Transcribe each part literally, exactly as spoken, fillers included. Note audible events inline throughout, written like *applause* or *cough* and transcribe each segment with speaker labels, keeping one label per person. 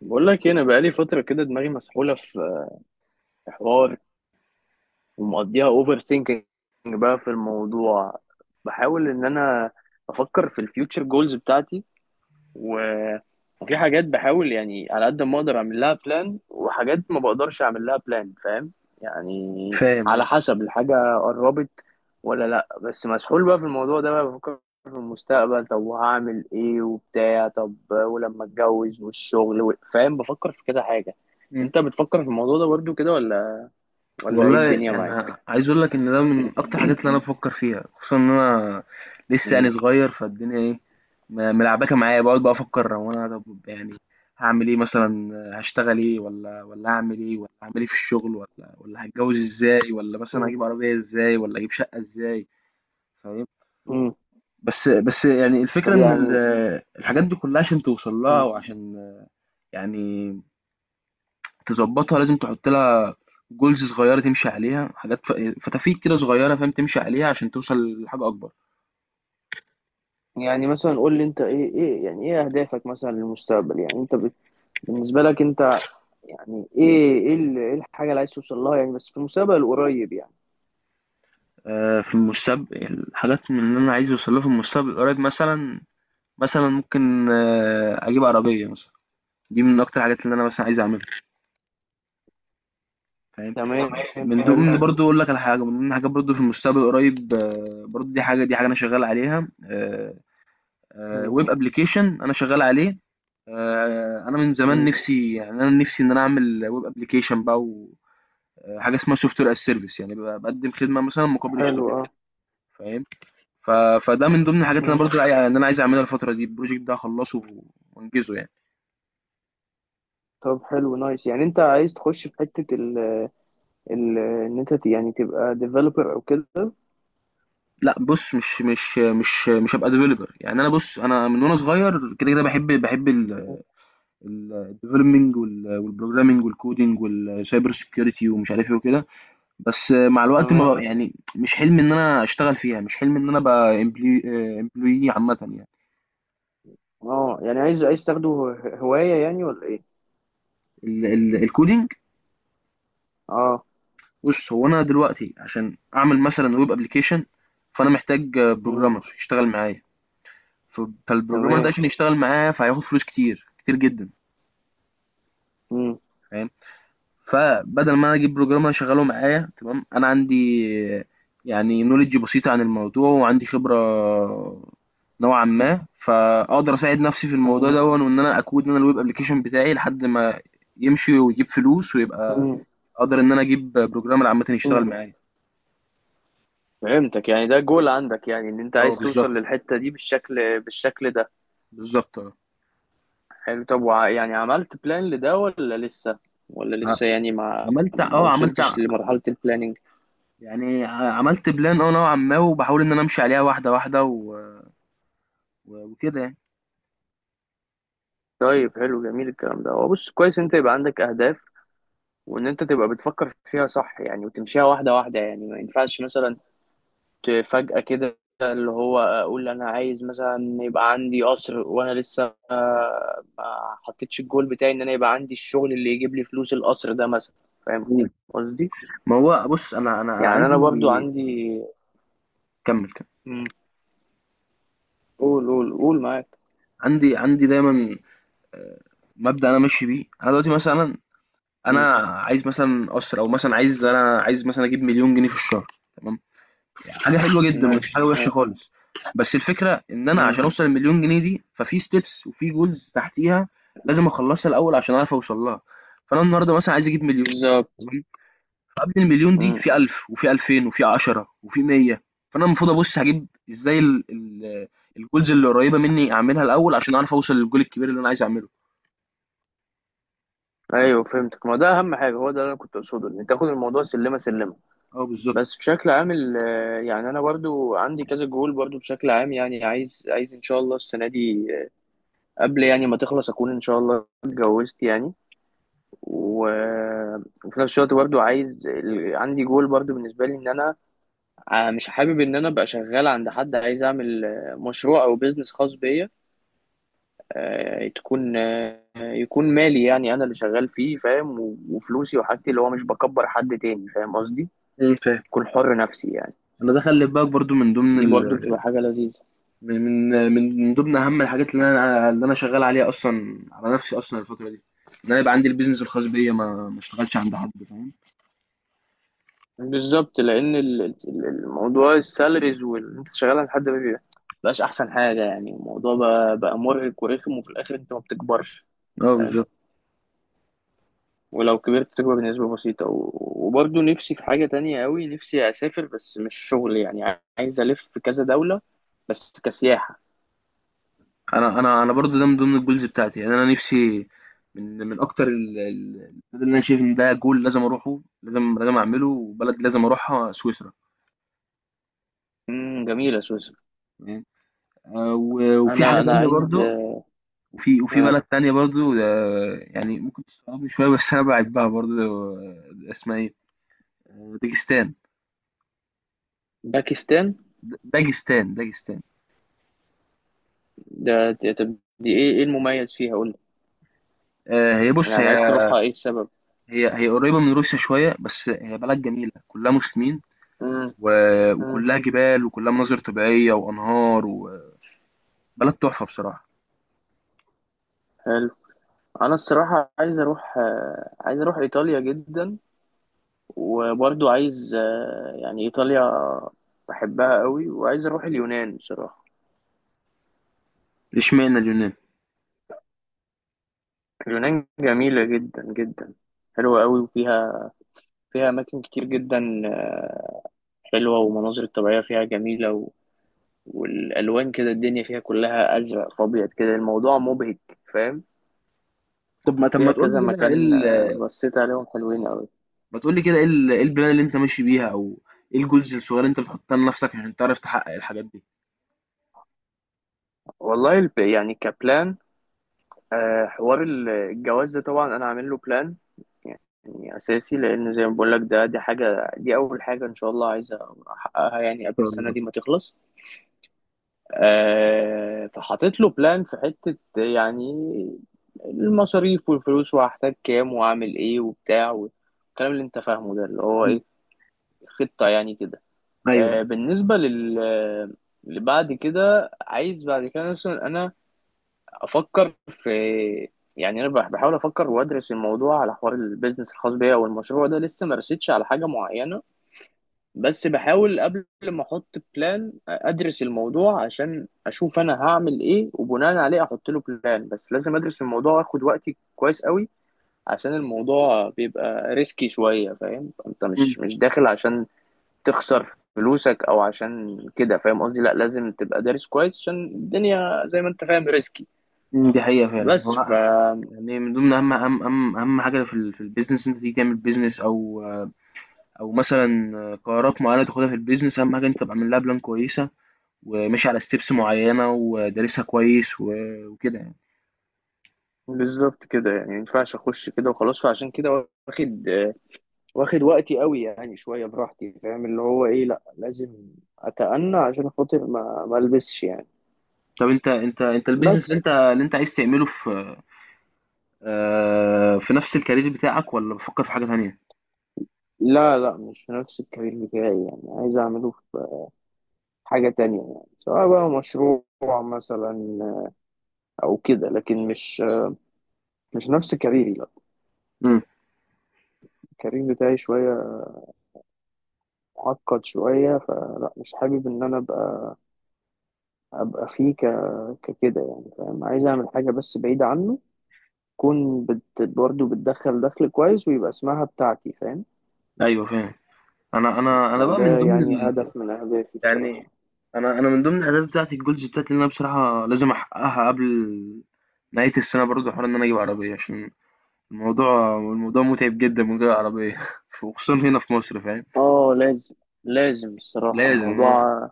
Speaker 1: بقول لك إيه، انا بقالي فتره كده، دماغي مسحوله في حوار، ومقضيها اوفر ثينكينج بقى في الموضوع. بحاول ان انا افكر في الفيوتشر جولز بتاعتي، وفي حاجات بحاول يعني على قد ما اقدر اعمل لها بلان، وحاجات ما بقدرش اعمل لها بلان. فاهم يعني،
Speaker 2: فاهم آه.
Speaker 1: على حسب الحاجة قربت ولا لا. بس مسحول بقى في الموضوع ده، بقى بفكر في المستقبل. طب وهعمل ايه وبتاع، طب ولما اتجوز والشغل و فاهم، بفكر في كذا حاجة.
Speaker 2: إمم.
Speaker 1: انت بتفكر في الموضوع ده برضو كده ولا ولا ايه
Speaker 2: والله
Speaker 1: الدنيا
Speaker 2: أنا
Speaker 1: معاك؟
Speaker 2: عايز أقول لك إن ده من أكتر الحاجات اللي أنا إمم. بافكّر فيها، خصوصًا إن أنا لسه يعني
Speaker 1: امم
Speaker 2: صغير، فالدنيا إيه، م ملعبكة معايا، باقعد بقى أفكّر هو أنا طَب يعني هاعمل إيه مثلًا، هاشتغل إيه والّا والّا هاعمل إيه والّا هاعمل إيه في الشغل والّا والّا هاتجوّز إزاي والّا مثلًا هاجيب عربية إزاي والّا أجيب شقة إزاي، فاهم؟
Speaker 1: امم
Speaker 2: بس بس يعني الفكرة
Speaker 1: طب
Speaker 2: إن ال
Speaker 1: يعني.
Speaker 2: الحاجات دي كُلّها عشان توصل لها
Speaker 1: مم.
Speaker 2: وعشان يعني تضبّطها لازم تحُط لها جولز صغيرة تمشي عليها حاجات ف- فتافيت كده صغيرة فاهم تمشي عليها عشان توصل لحاجة أكبر.
Speaker 1: يعني مثلا قول لي انت، ايه ايه يعني، ايه اهدافك مثلا للمستقبل؟ يعني انت بت... بالنسبة لك انت، يعني ايه ايه ال- إيه الحاجة اللي عايز توصل لها يعني، بس في المستقبل القريب يعني.
Speaker 2: آه، في المستقبل الحاجات من اللي أنا عايز أوصلها في المستقبل القريب مثلا، مثلا ممكن آه، أجيب عربية مثلا. دي من أكتر الحاجات اللي أنا مثلا عايز أعملها. فاهم
Speaker 1: تمام.
Speaker 2: تمام، من
Speaker 1: حلو.
Speaker 2: ضمن برضو أقول لك على حاجة من ضمن حاجات برضو في المستقبل القريب آه، برضو دي حاجة دي حاجة أنا شغال عليها.
Speaker 1: مم.
Speaker 2: ويب أبلكيشن أنا شغال عليه. آه، انا من زمان
Speaker 1: مم.
Speaker 2: نفسي، يعني انا نفسي ان انا اعمل ويب ابلكيشن بقى. آه، حاجه اسمها سوفت وير از سيرفيس، يعني ببقى بقدم خدمه مثلا مقابل
Speaker 1: حلو
Speaker 2: اشتراك.
Speaker 1: اه.
Speaker 2: فاهم. ف... فده من ضمن الحاجات اللي انا
Speaker 1: مم.
Speaker 2: برضو يعني انا عايز اعملها الفتره دي، البروجكت ده اخلصه وانجزه يعني.
Speaker 1: طب حلو نايس، يعني انت عايز تخش في حتة ال ال ان انت ت- يعني تبقى ديفلوبر او كده.
Speaker 2: لا بص، مش مش مش مش هبقى ديفلوبر. يعني انا بص انا من وانا صغير كده كده بحب بحب
Speaker 1: مم.
Speaker 2: الديفلوبمنج والبروجرامنج والكودينج والسايبر سكيورتي ومش عارف ايه وكده. بس مع الوقت
Speaker 1: تمام.
Speaker 2: ما بقى يعني مش حلم ان انا اشتغل فيها، مش حلم ان انا ابقى امبلوي عامه يعني.
Speaker 1: اه يعني عايز عايز تاخده ه- هواية يعني، ولا ايه؟
Speaker 2: ال- ال- الكودينج.
Speaker 1: اه.
Speaker 2: بُص، هو أنا دلوقتي عشان أعمل مثلًا web application فأنا محتاج
Speaker 1: مم.
Speaker 2: programmer يشتغل معايا، ف فالprogrammer ده
Speaker 1: تمام.
Speaker 2: عشان يشتغل معايا فهياخد فلوس كتير، كتير جدًا.
Speaker 1: مم.
Speaker 2: فاهم؟ فبدل ما أنا أجيب programmer أشغّله معايا تمام، أنا عندي يعني knowledge بسيطة عن الموضوع وعندي خبرة نوعًا ما، فأقدر أساعد نفسي في الموضوع دَوًّا
Speaker 1: مم.
Speaker 2: وإن أنا أقود أنا الweb application بتاعي لحد ما يمشي ويجيب فلوس ويبقى
Speaker 1: مم.
Speaker 2: أقدر إن أنا أجيب programmer عامةً يشتغل
Speaker 1: مم.
Speaker 2: معايا.
Speaker 1: فهمتك، يعني ده جول عندك، يعني ان انت
Speaker 2: آه
Speaker 1: عايز توصل
Speaker 2: بالضبط،
Speaker 1: للحتة دي بالشكل بالشكل ده.
Speaker 2: بالضبط آه.
Speaker 1: حلو. طب وع- يعني عملت بلان لده ولا لسه، ولا لسه يعني ما
Speaker 2: عملت
Speaker 1: ما
Speaker 2: آه، عملت ع
Speaker 1: وصلتش لمرحلة البلاننج؟
Speaker 2: يعني ع عملت plan آه نوعًا ما، وباحاول إن أنا أمشي عليها واحدة، واحدة و و- وكده يعني.
Speaker 1: طيب حلو جميل الكلام ده. هو بص، كويس انت يبقى عندك اهداف، وان انت تبقى بتفكر فيها صح يعني، وتمشيها واحدة واحدة. يعني ما ينفعش مثلا ت- فجأة كده، اللي هو اقول انا عايز مثلا يبقى عندي قصر، وانا لسه ما حطيتش الجول بتاعي، ان انا يبقى عندي الشغل اللي يجيب لي فلوس القصر ده مثلا. فاهم
Speaker 2: إمم.
Speaker 1: قصدي،
Speaker 2: ما هو بُص، أنا أنا أنا
Speaker 1: يعني
Speaker 2: عندي.
Speaker 1: انا برضو عندي.
Speaker 2: كمّل، كمّل.
Speaker 1: مم. قول قول قول معاك.
Speaker 2: عندي عندي دايمًا آآ مبدأ أنا ماشي بيه. أنا دلوقتي مثلًا أنا عايز مثلًا قَصْر أو مثلًا عايز أنا عايز مثلًا أجيب مليون جنيه في الشهر، تمام، حاجة حلوة جدًا ومش حاجة
Speaker 1: ماشي
Speaker 2: وِحشة
Speaker 1: آه.
Speaker 2: خالص، بس الفكرة إن أنا
Speaker 1: مم.
Speaker 2: عشان أوصل ال1.000.000 جنيه دي، ففي steps وفي goals تحتيها لازم أخلّصها الأول عشان أعرف أوصل لها. فأنا النهارده مثلًا عايز أجيب مليون،
Speaker 1: بالظبط.
Speaker 2: تمام، فقبل المليون دي
Speaker 1: مم.
Speaker 2: في ألف وفي ألفين وفي عشرة وفي مية. فانا المفروض ابص هجيب ازاي ال ال الجولز اللي قريبه مني اعملها الاول عشان اعرف اوصل للجول الكبير اللي انا عايز اعمله.
Speaker 1: ايوه فهمتك، ما ده اهم حاجه، هو ده اللي انا كنت اقصده، ان تاخد الموضوع سلمه سلمه.
Speaker 2: اه بالظبط.
Speaker 1: بس بشكل عام ال- آه، يعني انا برضو عندي كذا جول برضو بشكل عام، يعني عايز عايز ان شاء الله السنه دي آه، قبل يعني ما تخلص، اكون ان شاء الله اتجوزت يعني. و- آه، وفي نفس الوقت برضو عايز ال- عندي جول برضو بالنسبه لي، ان انا آه، مش حابب ان انا ابقى شغال عند حد. عايز اعمل آه، مشروع او بيزنس خاص بيا، آه، تكون آه، يكون مالي، يعني انا اللي شغال فيه، فاهم. و- وفلوسي وحاجتي، اللي هو مش بكبر حد تاني. فاهم قصدي،
Speaker 2: ايه فاهم.
Speaker 1: اكون حر نفسي يعني.
Speaker 2: انا ده خلي بالك برضو من ضمن
Speaker 1: دي
Speaker 2: ال...
Speaker 1: برضو بتبقى حاجة لذيذة.
Speaker 2: من من من من ضمن اهم الحاجات اللي انا اللي انا شغال عليها اصلا على نفسي اصلا الفتره دي، ان انا يبقى عندي البيزنس الخاص بيا ما ما اشتغلش عند حد. فاهم.
Speaker 1: بالظبط، لان ال- ال- الموضوع السالاريز وان انت شغال عند حد ما بيبقى- بقاش احسن حاجة. يعني الموضوع بقى، بقى مرهق ورخم، وفي الاخر انت ما بتكبرش.
Speaker 2: اه
Speaker 1: فاهم.
Speaker 2: بالظبط.
Speaker 1: ولو كبرت بتكبر بنسبة بسيطة و- وبرضو نفسي في حاجة تانية قوي، نفسي اسافر بس مش شغل يعني، عايز الف في كذا دولة بس كسياحة.
Speaker 2: انا انا انا برضو ده من ضمن الجولز بتاعتي. يعني انا نفسي من من اكتر ال- ال- البلد اللي انا شايف ان ده جول لازم اروحه، لازم لازم اعمله، وبلد لازم اروحها سويسرا.
Speaker 1: امم، جميلة سويسرا.
Speaker 2: تمام؟ آه، و- وفي
Speaker 1: انا
Speaker 2: حاجه
Speaker 1: انا
Speaker 2: تانية
Speaker 1: عايز
Speaker 2: برضو. وفي وفي
Speaker 1: آه،
Speaker 2: بلد تانية برضو، آه، يعني ممكن تستغربني شويه بس انا بحبها برضو. آه، اسمها ايه، آه، داجستان.
Speaker 1: باكستان.
Speaker 2: د- داجستان داجستان.
Speaker 1: ده ده- طب دي ايه، ايه المميز فيها؟ قول لي،
Speaker 2: آه، هي بص
Speaker 1: يعني
Speaker 2: هي
Speaker 1: عايز تروحها ايه السبب؟
Speaker 2: هي هي قريبه من روسيا شويه، بس هي بلد جميله كلها مسلمين،
Speaker 1: امم.
Speaker 2: و-
Speaker 1: امم.
Speaker 2: وكلها جبال وكلها مناظر طبيعيه وانهار و بلد تحفة بصراحة.
Speaker 1: حلو. انا الصراحه عايز اروح آه، عايز اروح ايطاليا جدا. وبرضو عايز آه، يعني ايطاليا بحبها قوي، وعايز اروح اليونان بصراحه.
Speaker 2: إشمعنى اليونان؟
Speaker 1: اليونان جميله جدا جدا، حلوه قوي، وفيها فيها اماكن كتير جدا آه، حلوه، والمناظر الطبيعيه فيها جميله. والالوان كده، الدنيا فيها كلها ازرق فابيض كده، الموضوع مبهج. فاهم؟
Speaker 2: طب ما طب ما
Speaker 1: فيها
Speaker 2: تقول
Speaker 1: كذا
Speaker 2: لي كده إيه
Speaker 1: مكان
Speaker 2: ال
Speaker 1: آه، بصيت عليهم حلوين قوي.
Speaker 2: ما تقول لي كده إيه ال إيه البلان اللي أنت ماشي بيها أو إيه الجولز الصغيرة اللي أنت بتحطها لنفسك عشان تعرف تحقق الحاجات دي؟
Speaker 1: والله الب- يعني كبلان آه، حوار ال- الجواز ده طبعا انا عامل له بلان يعني اساسي، لان زي ما بقول لك، ده دي حاجه، دي اول حاجه ان شاء الله عايز احققها يعني
Speaker 2: إن
Speaker 1: قبل
Speaker 2: شاء
Speaker 1: السنه
Speaker 2: الله.
Speaker 1: دي ما تخلص. آه، فحطيت له بلان في حته يعني، المصاريف والفلوس وهحتاج كام واعمل ايه وبتاع، والكلام اللي انت فاهمه ده اللي هو
Speaker 2: إمم.
Speaker 1: ايه، خطه يعني كده.
Speaker 2: أيوه.
Speaker 1: آه، بالنسبة لل لبعد كده، عايز بعد كده مثلا انا افكر في، يعني انا بح- بحاول افكر وادرس الموضوع على حوار البيزنس الخاص بيا او المشروع ده، لسه ما رسيتش على حاجة معينة. بس بحاول قبل ما احط بلان ادرس الموضوع، عشان اشوف انا هعمل ايه، وبناء عليه احط له بلان. بس لازم ادرس الموضوع واخد وقتي كويس قوي، عشان الموضوع بيبقى ريسكي شوية، فاهم. انت
Speaker 2: إمم،
Speaker 1: مش مش داخل عشان تخسر فلوسك او عشان كده، فاهم قصدي. لا لازم تبقى دارس كويس، عشان الدنيا زي ما انت فاهم ريسكي.
Speaker 2: إمم، دي حقيقة فعلًا.
Speaker 1: بس ف،
Speaker 2: هو يعني من ضمن أهم أهم أهم أهم حاجة في ال في الbusiness إن أنت تيجي تعمل business أو أو مثلًا قرارات معينة تاخدها في الbusiness. أهم حاجة أنت تبقى عامل لها بلان كويسة وماشي على steps معينة ودارسها كويس و وكده يعني.
Speaker 1: بالظبط كده يعني، ما ينفعش اخش كده وخلاص، فعشان كده واخد، واخد وقتي قوي يعني، شويه براحتي. فاهم اللي هو ايه، لا لازم اتأنى عشان خاطر ما ما البسش يعني.
Speaker 2: طب أنت أنت أنت الbusiness اللي
Speaker 1: بس.
Speaker 2: أنت اللي أنت عايز تعمله في آه، في نفس الكارير بتاعك والّا بتفكّر في حاجة تانية؟
Speaker 1: لا لا مش نفس الكارير بتاعي، يعني عايز اعمله في حاجه تانية، يعني سواء بقى مشروع مثلا او كده، لكن مش، مش نفس كاريري لا.
Speaker 2: إمم.
Speaker 1: الكارير بتاعي شويه معقد شوية، فلا مش حابب إن أنا أبقى، أبقى فيه ك ككده يعني، فاهم. عايز أعمل حاجة بس بعيدة عنه، تكون بت برضه بتدخل دخل كويس، ويبقى اسمها بتاعتي، فاهم.
Speaker 2: أيوه فاهم. أنا أنا أنا بقى من
Speaker 1: ده
Speaker 2: ضمن
Speaker 1: يعني
Speaker 2: ال،
Speaker 1: هدف من أهدافي بصراحة.
Speaker 2: يعني أنا أنا من ضمن الأهداف بتاعتي الgoals بتاعتي اللي أنا بصراحة لازم أحققها قبل نهاية السنة برضه، حوار إن أنا أجيب عربية، عشان الموضوع الموضوع مُتعب جدًا من غير عربية *laughs* وخصوصًا هنا في مصر، فاهم،
Speaker 1: اه لازم. لازم الصراحة،
Speaker 2: لازم آه،
Speaker 1: الموضوع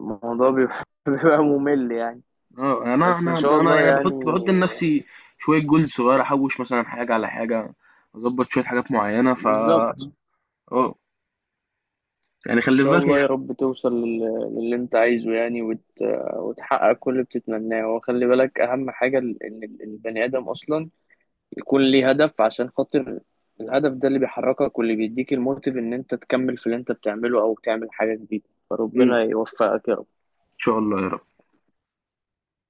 Speaker 1: الموضوع بيبقى، *laughs* بيبقى ممل يعني.
Speaker 2: آه، أنا
Speaker 1: بس إن
Speaker 2: أنا
Speaker 1: شاء
Speaker 2: أنا
Speaker 1: الله
Speaker 2: يعني
Speaker 1: يعني.
Speaker 2: باحط باحط لنفسي شوية goals صغيّرة، أحوّش مثلًا حاجة على حاجة، أضبّط شوية حاجات معيّنة ف
Speaker 1: بالظبط.
Speaker 2: آه، يعني
Speaker 1: ان
Speaker 2: خلّي في
Speaker 1: شاء
Speaker 2: بالك هي.
Speaker 1: الله يا رب توصل لل- للي انت عايزه يعني، وت وتحقق كل اللي بتتمناه. وخلي بالك اهم حاجة ال- ان ال- البني ادم اصلا يكون ليه هدف، عشان خاطر الهدف ده اللي بيحركك، واللي بيديك الموتيف ان انت تكمل في اللي انت بتعمله او تعمل حاجة جديدة.
Speaker 2: إمم.
Speaker 1: فربنا يوفقك يا
Speaker 2: شاء الله يا رب.